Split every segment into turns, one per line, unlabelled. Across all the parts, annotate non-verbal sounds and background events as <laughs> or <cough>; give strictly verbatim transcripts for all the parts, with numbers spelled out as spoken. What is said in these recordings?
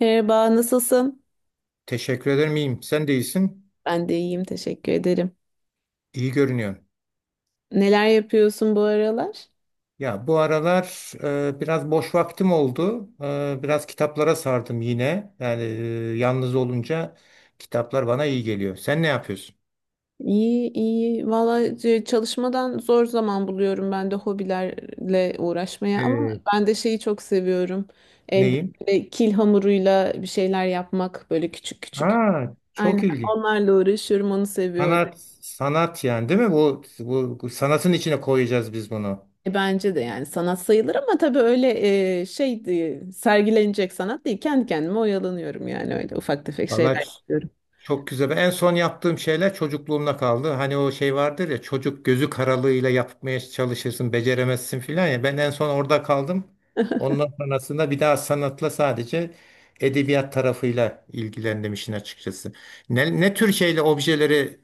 Merhaba, nasılsın?
Teşekkür ederim iyiyim. Sen de iyisin.
Ben de iyiyim, teşekkür ederim.
İyi görünüyorsun.
Neler yapıyorsun bu aralar?
Ya bu aralar e, biraz boş vaktim oldu. E, biraz kitaplara sardım yine. Yani e, yalnız olunca kitaplar bana iyi geliyor. Sen ne yapıyorsun?
İyi, iyi. Vallahi c- çalışmadan zor zaman buluyorum ben de hobilerle uğraşmaya ama
E,
ben de şeyi çok seviyorum. Elde
Neyim?
böyle kil hamuruyla bir şeyler yapmak böyle küçük küçük.
Aa, çok
Aynen
ilginç.
onlarla uğraşıyorum, onu seviyorum.
Sanat, sanat yani değil mi? Bu, bu, bu sanatın içine koyacağız biz bunu.
E, bence de yani sanat sayılır ama tabii öyle e, şey değil, sergilenecek sanat değil. Kendi kendime oyalanıyorum yani öyle ufak tefek şeyler
Vallahi
yapıyorum.
çok güzel. En son yaptığım şeyler çocukluğumda kaldı. Hani o şey vardır ya, çocuk gözü karalığıyla yapmaya çalışırsın, beceremezsin filan ya. Ben en son orada kaldım.
<laughs>
Ondan sonrasında bir daha sanatla sadece edebiyat tarafıyla ilgilendim işin açıkçası. Ne, ne tür şeyle objeleri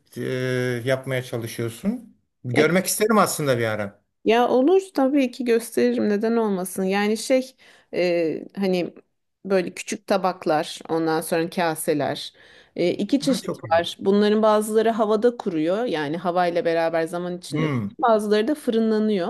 e, yapmaya çalışıyorsun?
Ya
Görmek isterim aslında bir ara.
Ya olur tabii ki gösteririm neden olmasın. Yani şey e, hani böyle küçük tabaklar, ondan sonra kaseler. E, iki
Ha,
çeşit
çok iyi.
var. Bunların bazıları havada kuruyor, yani havayla beraber zaman içinde kuruyor.
Hmm.
Bazıları da fırınlanıyor.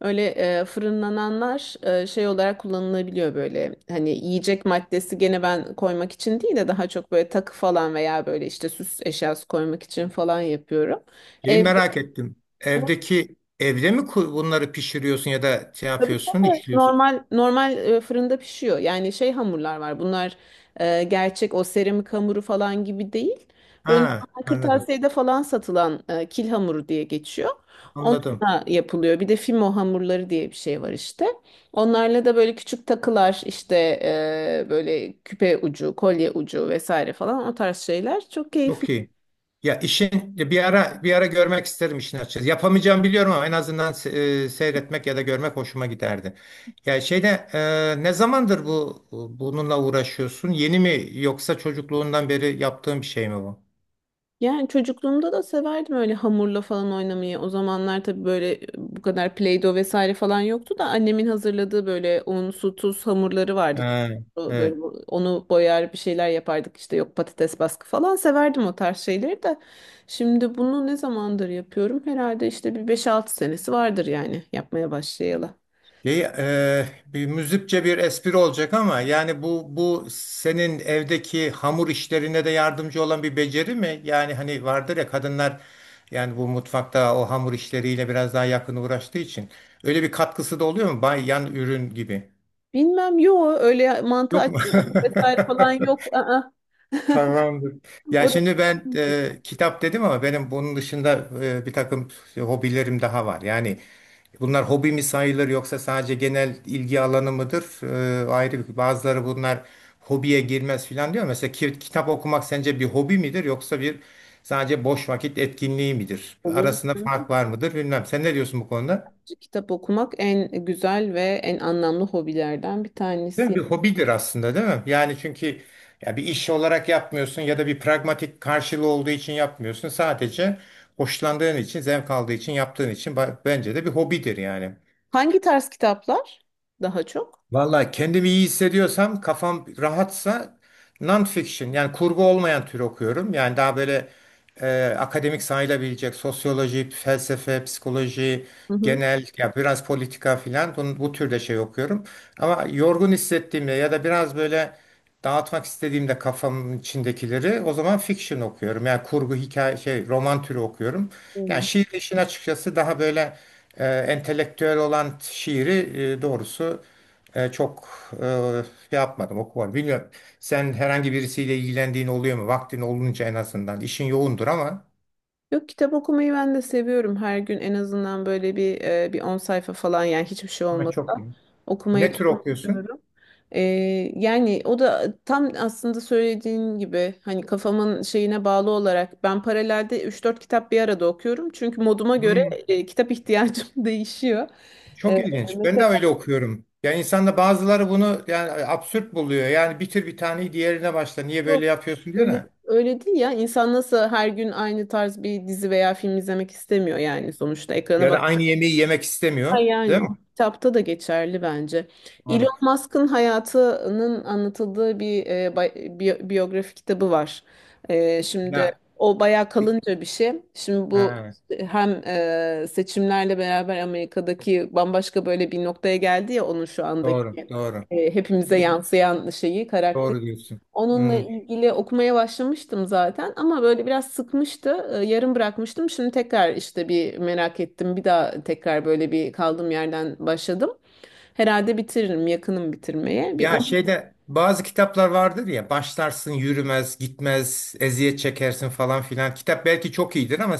Öyle e, fırınlananlar e, şey olarak kullanılabiliyor böyle. Hani yiyecek maddesi gene ben koymak için değil de daha çok böyle takı falan veya böyle işte süs eşyası koymak için falan yapıyorum.
Şeyi
Evde
merak ettim. Evdeki evde mi ku- bunları pişiriyorsun ya da şey yapıyorsun, işliyorsun?
normal normal e, fırında pişiyor. Yani şey hamurlar var. Bunlar e, gerçek o seramik hamuru falan gibi değil. Böyle
Ha,
normal
anladım.
kırtasiyede falan satılan e, kil hamuru diye geçiyor.
Anladım.
Onunla yapılıyor. Bir de fimo hamurları diye bir şey var işte. Onlarla da böyle küçük takılar işte, e, böyle küpe ucu, kolye ucu vesaire falan o tarz şeyler çok keyifli.
Çok iyi. Ya işin bir ara bir ara görmek isterim işin açıkçası. Yapamayacağım biliyorum ama en azından se- e, seyretmek ya da görmek hoşuma giderdi. Ya şeyde e, ne zamandır bu bununla uğraşıyorsun? Yeni mi yoksa çocukluğundan beri yaptığın bir şey mi bu?
Yani çocukluğumda da severdim öyle hamurla falan oynamayı. O zamanlar tabii böyle e, bu kadar Play-Doh vesaire falan yoktu da annemin hazırladığı böyle un, su, tuz hamurları vardı.
Ha,
Tuzlu, böyle
evet.
bu- onu boyar, bir şeyler yapardık işte, yok patates baskı falan, severdim o tarz şeyleri de. Şimdi bunu ne zamandır yapıyorum? Herhalde işte bir beş altı senesi vardır yani yapmaya başlayalı.
Şey, e, bir müzikçe bir espri olacak ama yani bu bu senin evdeki hamur işlerine de yardımcı olan bir beceri mi? Yani hani vardır ya, kadınlar yani bu mutfakta o hamur işleriyle biraz daha yakın uğraştığı için öyle bir katkısı da oluyor mu? Bay yan ürün gibi.
Bilmem, yo öyle mantı
Yok mu?
açma vesaire falan
<laughs>
yok. Aa. <laughs>
Tamamdır. Ya
O da-
şimdi ben e, kitap dedim ama benim bunun dışında e, bir takım hobilerim daha var. Yani bunlar hobi mi sayılır yoksa sadece genel ilgi alanı mıdır? E, ayrı bir, bazıları bunlar hobiye girmez filan diyor. Mesela ki- kitap okumak sence bir hobi midir yoksa bir sadece boş vakit etkinliği midir?
Olur.
Arasında fark var mıdır bilmem. Sen ne diyorsun bu konuda?
Kitap okumak en güzel ve en anlamlı hobilerden bir
Değil mi?
tanesi.
Bir hobidir aslında değil mi? Yani çünkü ya bir iş olarak yapmıyorsun ya da bir pragmatik karşılığı olduğu için yapmıyorsun. Sadece hoşlandığın için, zevk aldığı için, yaptığın için ba- bence de bir hobidir yani.
Hangi tarz kitaplar daha çok?
Valla kendimi iyi hissediyorsam, kafam rahatsa non-fiction yani kurgu olmayan tür okuyorum. Yani daha böyle e, akademik sayılabilecek sosyoloji, felsefe, psikoloji,
Hı hı.
genel ya biraz politika filan bunun- bu türde şey okuyorum. Ama yorgun hissettiğimde ya da biraz böyle dağıtmak istediğimde kafamın içindekileri, o zaman fiction okuyorum. Yani kurgu, hikaye, şey, roman türü okuyorum. Yani
Hmm.
şiir işin açıkçası daha böyle e, entelektüel olan şiiri e, doğrusu e, çok e, şey yapmadım, okumadım. Bilmiyorum. Sen herhangi birisiyle ilgilendiğin oluyor mu? Vaktin olunca en azından. İşin yoğundur ama.
Yok, kitap okumayı ben de seviyorum. Her gün en azından böyle bir e, bir on sayfa falan, yani hiçbir şey
Ama çok
olmasa
iyi.
okumaya
Ne tür okuyorsun?
çalışıyorum. E, Yani o da tam aslında söylediğin gibi, hani kafamın şeyine bağlı olarak ben paralelde üç dört kitap bir arada okuyorum. Çünkü moduma göre
Hmm,
e, kitap ihtiyacım <laughs> değişiyor. E,
çok ilginç. Ben de öyle okuyorum. Yani insanda bazıları bunu yani absürt buluyor. Yani bitir bir taneyi diğerine başla. Niye böyle
Yok.
yapıyorsun diyor
Öyle,
da.
öyle değil ya. İnsan nasıl her gün aynı tarz bir dizi veya film izlemek istemiyor yani sonuçta. Ekrana
Ya da
bak.
aynı yemeği yemek istemiyor.
Ha,
Değil
yani o
mi?
kitapta da geçerli bence. Elon
Doğru.
Musk'ın hayatının anlatıldığı bir e, bay- biyo- biyografi kitabı var. E, şimdi
Ya,
o bayağı kalınca bir şey. Şimdi bu
ha,
hem e, seçimlerle beraber Amerika'daki bambaşka böyle bir noktaya geldi ya, onun şu
doğru,
andaki
doğru.
e, hepimize yansıyan şeyi,
Doğru
karakteri.
diyorsun.
Onunla
Hmm.
ilgili okumaya başlamıştım zaten ama böyle biraz sıkmıştı. Ee, Yarım bırakmıştım. Şimdi tekrar işte bir merak ettim. Bir daha tekrar böyle bir kaldığım yerden başladım. Herhalde bitiririm, yakınım bitirmeye. Bir
Ya
onu
şeyde bazı kitaplar vardır ya, başlarsın yürümez gitmez eziyet çekersin falan filan. Kitap belki çok iyidir ama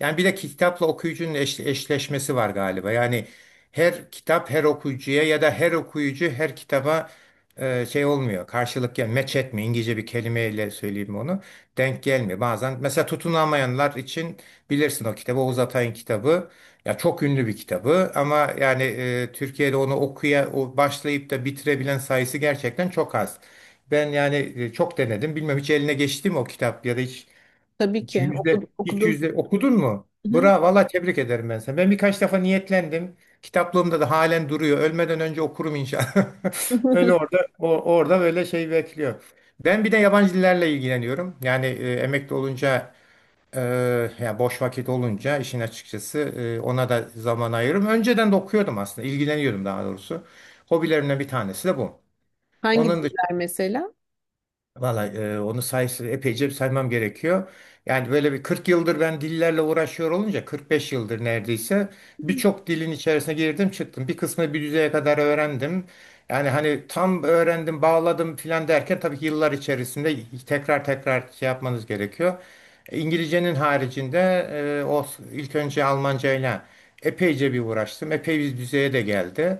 yani bir de kitapla okuyucunun eş- eşleşmesi var galiba. Yani her kitap her okuyucuya ya da her okuyucu her kitaba e, şey olmuyor. Karşılık ya match etmiyor. İngilizce bir kelimeyle söyleyeyim onu. Denk gelmiyor. Bazen mesela tutunamayanlar için bilirsin o kitabı, Oğuz Atay'ın kitabı. Ya çok ünlü bir kitabı ama yani e, Türkiye'de onu okuya o başlayıp da bitirebilen sayısı gerçekten çok az. Ben yani e, çok denedim. Bilmem hiç eline geçti mi o kitap ya da hiç,
tabii
hiç
ki okudum.
yüzde hiç
okudum.
yüzde okudun mu?
Hı hı.
Bravo, valla tebrik ederim ben sana. Ben birkaç defa niyetlendim. Kitaplığımda da halen duruyor. Ölmeden önce okurum inşallah. <laughs> Öyle
<laughs>
orada o, orada böyle şey bekliyor. Ben bir de yabancı dillerle ilgileniyorum. Yani e, emekli olunca Eee, ya boş vakit olunca işin açıkçası eee, ona da zaman ayırırım. Önceden de okuyordum aslında, ilgileniyordum daha doğrusu. Hobilerimden bir tanesi de bu.
Hangi
Onun
diller mesela?
valla e, onu sayısı epeyce saymam gerekiyor. Yani böyle bir kırk yıldır ben dillerle uğraşıyor olunca kırk beş yıldır neredeyse birçok dilin içerisine girdim çıktım. Bir kısmını bir düzeye kadar öğrendim. Yani hani tam öğrendim bağladım filan derken tabii ki yıllar içerisinde tekrar tekrar şey yapmanız gerekiyor. İngilizcenin haricinde e, o ilk önce Almanca ile epeyce bir uğraştım. Epey bir düzeye de geldi.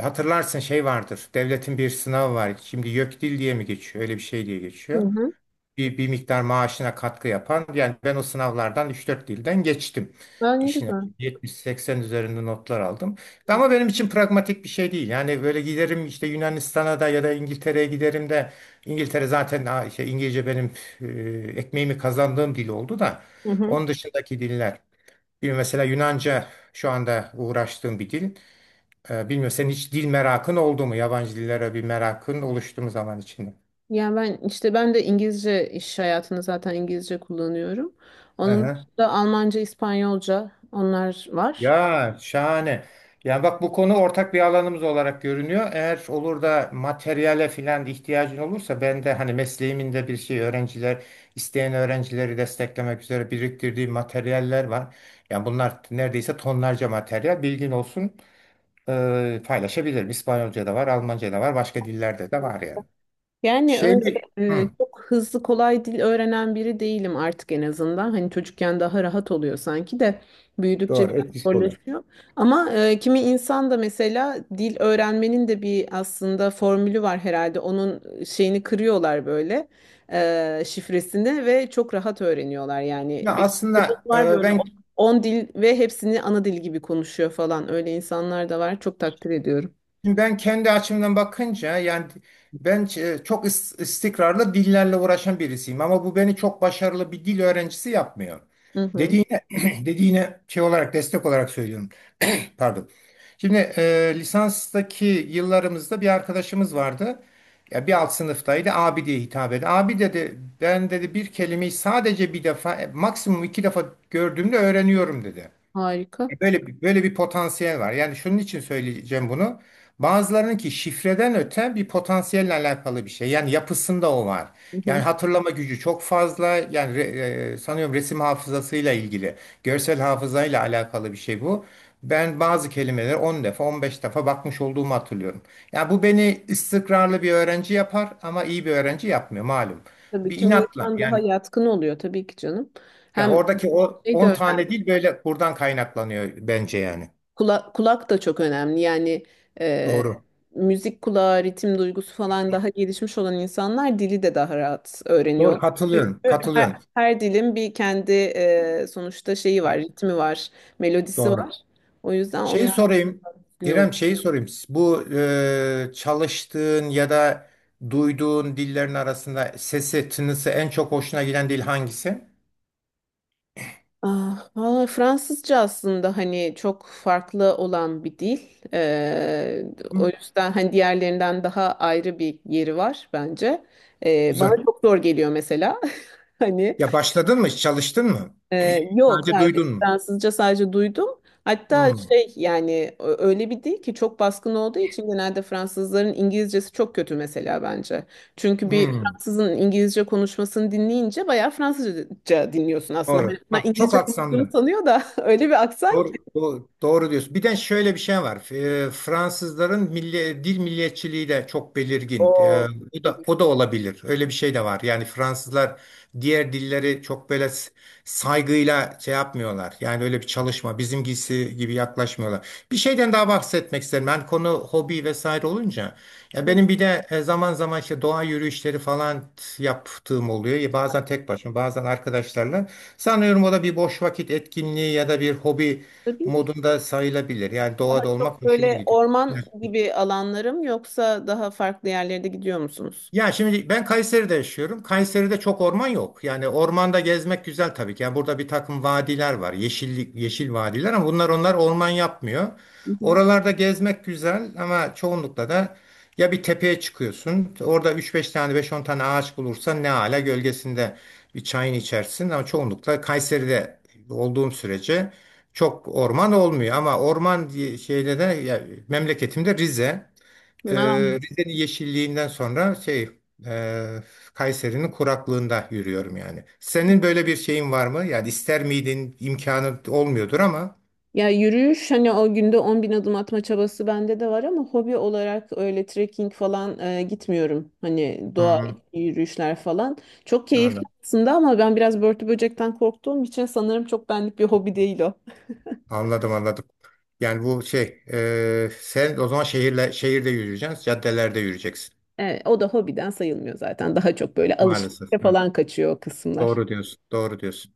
Hatırlarsın şey vardır. Devletin bir sınavı var. Şimdi YÖKDİL diye mi geçiyor? Öyle bir şey diye
Hı
geçiyor.
hı.
Bir, bir miktar maaşına katkı yapan. Yani ben o sınavlardan üç dört dilden geçtim.
Aa, ne
İşine
güzel.
yetmiş seksen üzerinde notlar aldım. Ama benim için pragmatik bir şey değil. Yani böyle giderim işte Yunanistan'a da ya da İngiltere'ye giderim de İngiltere zaten ha, işte İngilizce benim e, ekmeğimi kazandığım dil oldu da
Hı hı.
onun dışındaki diller. Bir mesela Yunanca şu anda uğraştığım bir dil. Ee, bilmiyorum senin hiç dil merakın oldu mu? Yabancı dillere bir merakın oluştu mu zaman içinde?
Yani ben işte ben de İngilizce, iş hayatında zaten İngilizce kullanıyorum. Onun
Aha.
dışında Almanca, İspanyolca onlar var.
Ya şahane. Yani bak bu konu ortak bir alanımız olarak görünüyor. Eğer olur da materyale filan ihtiyacın olursa ben de hani mesleğimin de bir şey öğrenciler isteyen öğrencileri desteklemek üzere biriktirdiğim materyaller var. Yani bunlar neredeyse tonlarca materyal bilgin olsun ee, paylaşabilirim. İspanyolca da var, Almanca da var, başka dillerde de var yani.
Yani
Şey
öyle
mi?
e,
Hı,
çok hızlı kolay dil öğrenen biri değilim artık, en azından. Hani çocukken daha rahat oluyor sanki de büyüdükçe
doğru
biraz
etkisi oluyor.
zorlaşıyor. Ama e, kimi insan da mesela dil öğrenmenin de bir aslında formülü var herhalde. Onun şeyini kırıyorlar, böyle e, şifresini, ve çok rahat öğreniyorlar. Yani
Ya
bir kadın
aslında
var
e,
böyle,
ben
on dil ve hepsini ana dil gibi konuşuyor falan. Öyle insanlar da var. Çok takdir ediyorum.
ben kendi açımdan bakınca yani ben e, çok is- istikrarlı dillerle uğraşan birisiyim ama bu beni çok başarılı bir dil öğrencisi yapmıyor.
Hı hı.
Dediğine <clears throat> dediğine şey olarak destek olarak söylüyorum. <clears throat> Pardon. Şimdi e, lisanstaki yıllarımızda bir arkadaşımız vardı. Ya bir alt sınıftaydı. Abi diye hitap etti. Abi dedi, ben dedi bir kelimeyi sadece bir defa e, maksimum iki defa gördüğümde öğreniyorum dedi.
Harika.
Böyle bir, böyle bir potansiyel var. Yani şunun için söyleyeceğim bunu. Bazılarının ki şifreden öte bir potansiyelle alakalı bir şey. Yani yapısında o var. Yani hatırlama gücü çok fazla. Yani re- e, sanıyorum resim hafızasıyla ilgili, görsel hafızayla alakalı bir şey bu. Ben bazı kelimeleri on defa, on beş defa bakmış olduğumu hatırlıyorum. Yani bu beni istikrarlı bir öğrenci yapar ama iyi bir öğrenci yapmıyor malum.
Tabii
Bir
kimi
inatla
insan daha
yani
yatkın oluyor tabii ki canım.
ya
Hem
oradaki o
şey de
on
önemli.
tane değil böyle buradan kaynaklanıyor bence yani.
Kulak, kulak da çok önemli. Yani e,
Doğru.
müzik kulağı, ritim duygusu falan daha gelişmiş olan insanlar dili de daha rahat
Doğru
öğreniyorlar. Çünkü
katılıyorum.
her,
Katılıyorum.
her dilin bir kendi e, sonuçta şeyi var, ritmi var, melodisi
Doğru.
var. O yüzden
Şeyi
onlar
sorayım.
gün oluyor.
İrem şeyi sorayım. Bu e, çalıştığın ya da duyduğun dillerin arasında sesi, tınısı en çok hoşuna giden dil hangisi?
Ah, valla Fransızca aslında hani çok farklı olan bir dil. Ee, O
Hı,
yüzden hani diğerlerinden daha ayrı bir yeri var bence. Ee,
güzel.
bana çok zor geliyor mesela. <laughs> Hani
Ya başladın mı? Çalıştın mı?
ee, yok,
Sadece
hayır.
duydun mu?
Fransızca sadece duydum. Hatta
Hı,
şey yani ö- öyle bir dil ki, çok baskın olduğu için genelde Fransızların İngilizcesi çok kötü mesela bence. Çünkü bir
hı.
Fransızın İngilizce konuşmasını dinleyince bayağı Fransızca dinliyorsun aslında. Hani
Doğru.
bunlar
Bak çok
İngilizce konuştuğunu
aksanlı.
sanıyor da <laughs> öyle bir aksan ki.
Doğru, doğru, doğru diyorsun. Bir de şöyle bir şey var. Ee, Fransızların milli, dil milliyetçiliği de çok belirgin. Ee,
Oo,
o da,
tabii
o da
ki.
olabilir. Öyle bir şey de var. Yani Fransızlar diğer dilleri çok böyle s- saygıyla şey yapmıyorlar. Yani öyle bir çalışma bizimkisi gibi yaklaşmıyorlar. Bir şeyden daha bahsetmek isterim. Ben konu hobi vesaire olunca. Ya
Hı,
benim bir de e, zaman zaman işte doğa yürüyüşleri falan yaptığım oluyor. Ya bazen tek başıma, bazen arkadaşlarla. Sanıyorum o da bir boş vakit etkinliği ya da bir hobi
tabii ki.
modunda sayılabilir. Yani doğada
Daha
olmak
çok
hoşuma
böyle
gidiyor.
orman gibi alanlarım yoksa daha farklı yerlere de gidiyor musunuz?
Ya şimdi ben Kayseri'de yaşıyorum. Kayseri'de çok orman yok. Yani ormanda gezmek güzel tabii ki. Yani burada bir takım vadiler var. Yeşillik, yeşil vadiler ama bunlar onlar orman yapmıyor.
Hı
Oralarda gezmek güzel ama çoğunlukla da ya bir tepeye çıkıyorsun. Orada üç beş tane beş on tane ağaç bulursan ne ala, gölgesinde bir çayını içersin ama çoğunlukla Kayseri'de olduğum sürece çok orman olmuyor ama orman diye şeyde de ya, memleketimde Rize.
hı.
Ee, Rize'nin yeşilliğinden sonra şey e, Kayseri'nin kuraklığında yürüyorum yani. Senin böyle bir şeyin var mı? Yani ister miydin? İmkanı olmuyordur ama.
Ya yürüyüş, hani o günde on bin adım atma çabası bende de var ama hobi olarak öyle trekking falan e, gitmiyorum. Hani
Hı
doğa
hı.
yürüyüşler falan. Çok keyifli
Anladım,
aslında ama ben biraz börtü böcekten korktuğum için sanırım çok benlik bir hobi değil o.
anladım. Anladım. Yani bu şey e, sen o zaman şehirle şehirde yürüyeceksin, caddelerde yürüyeceksin
Evet, o da hobiden sayılmıyor zaten. Daha çok böyle
maalesef.
alışverişe
Evet.
falan kaçıyor o kısımlar.
Doğru diyorsun, doğru diyorsun.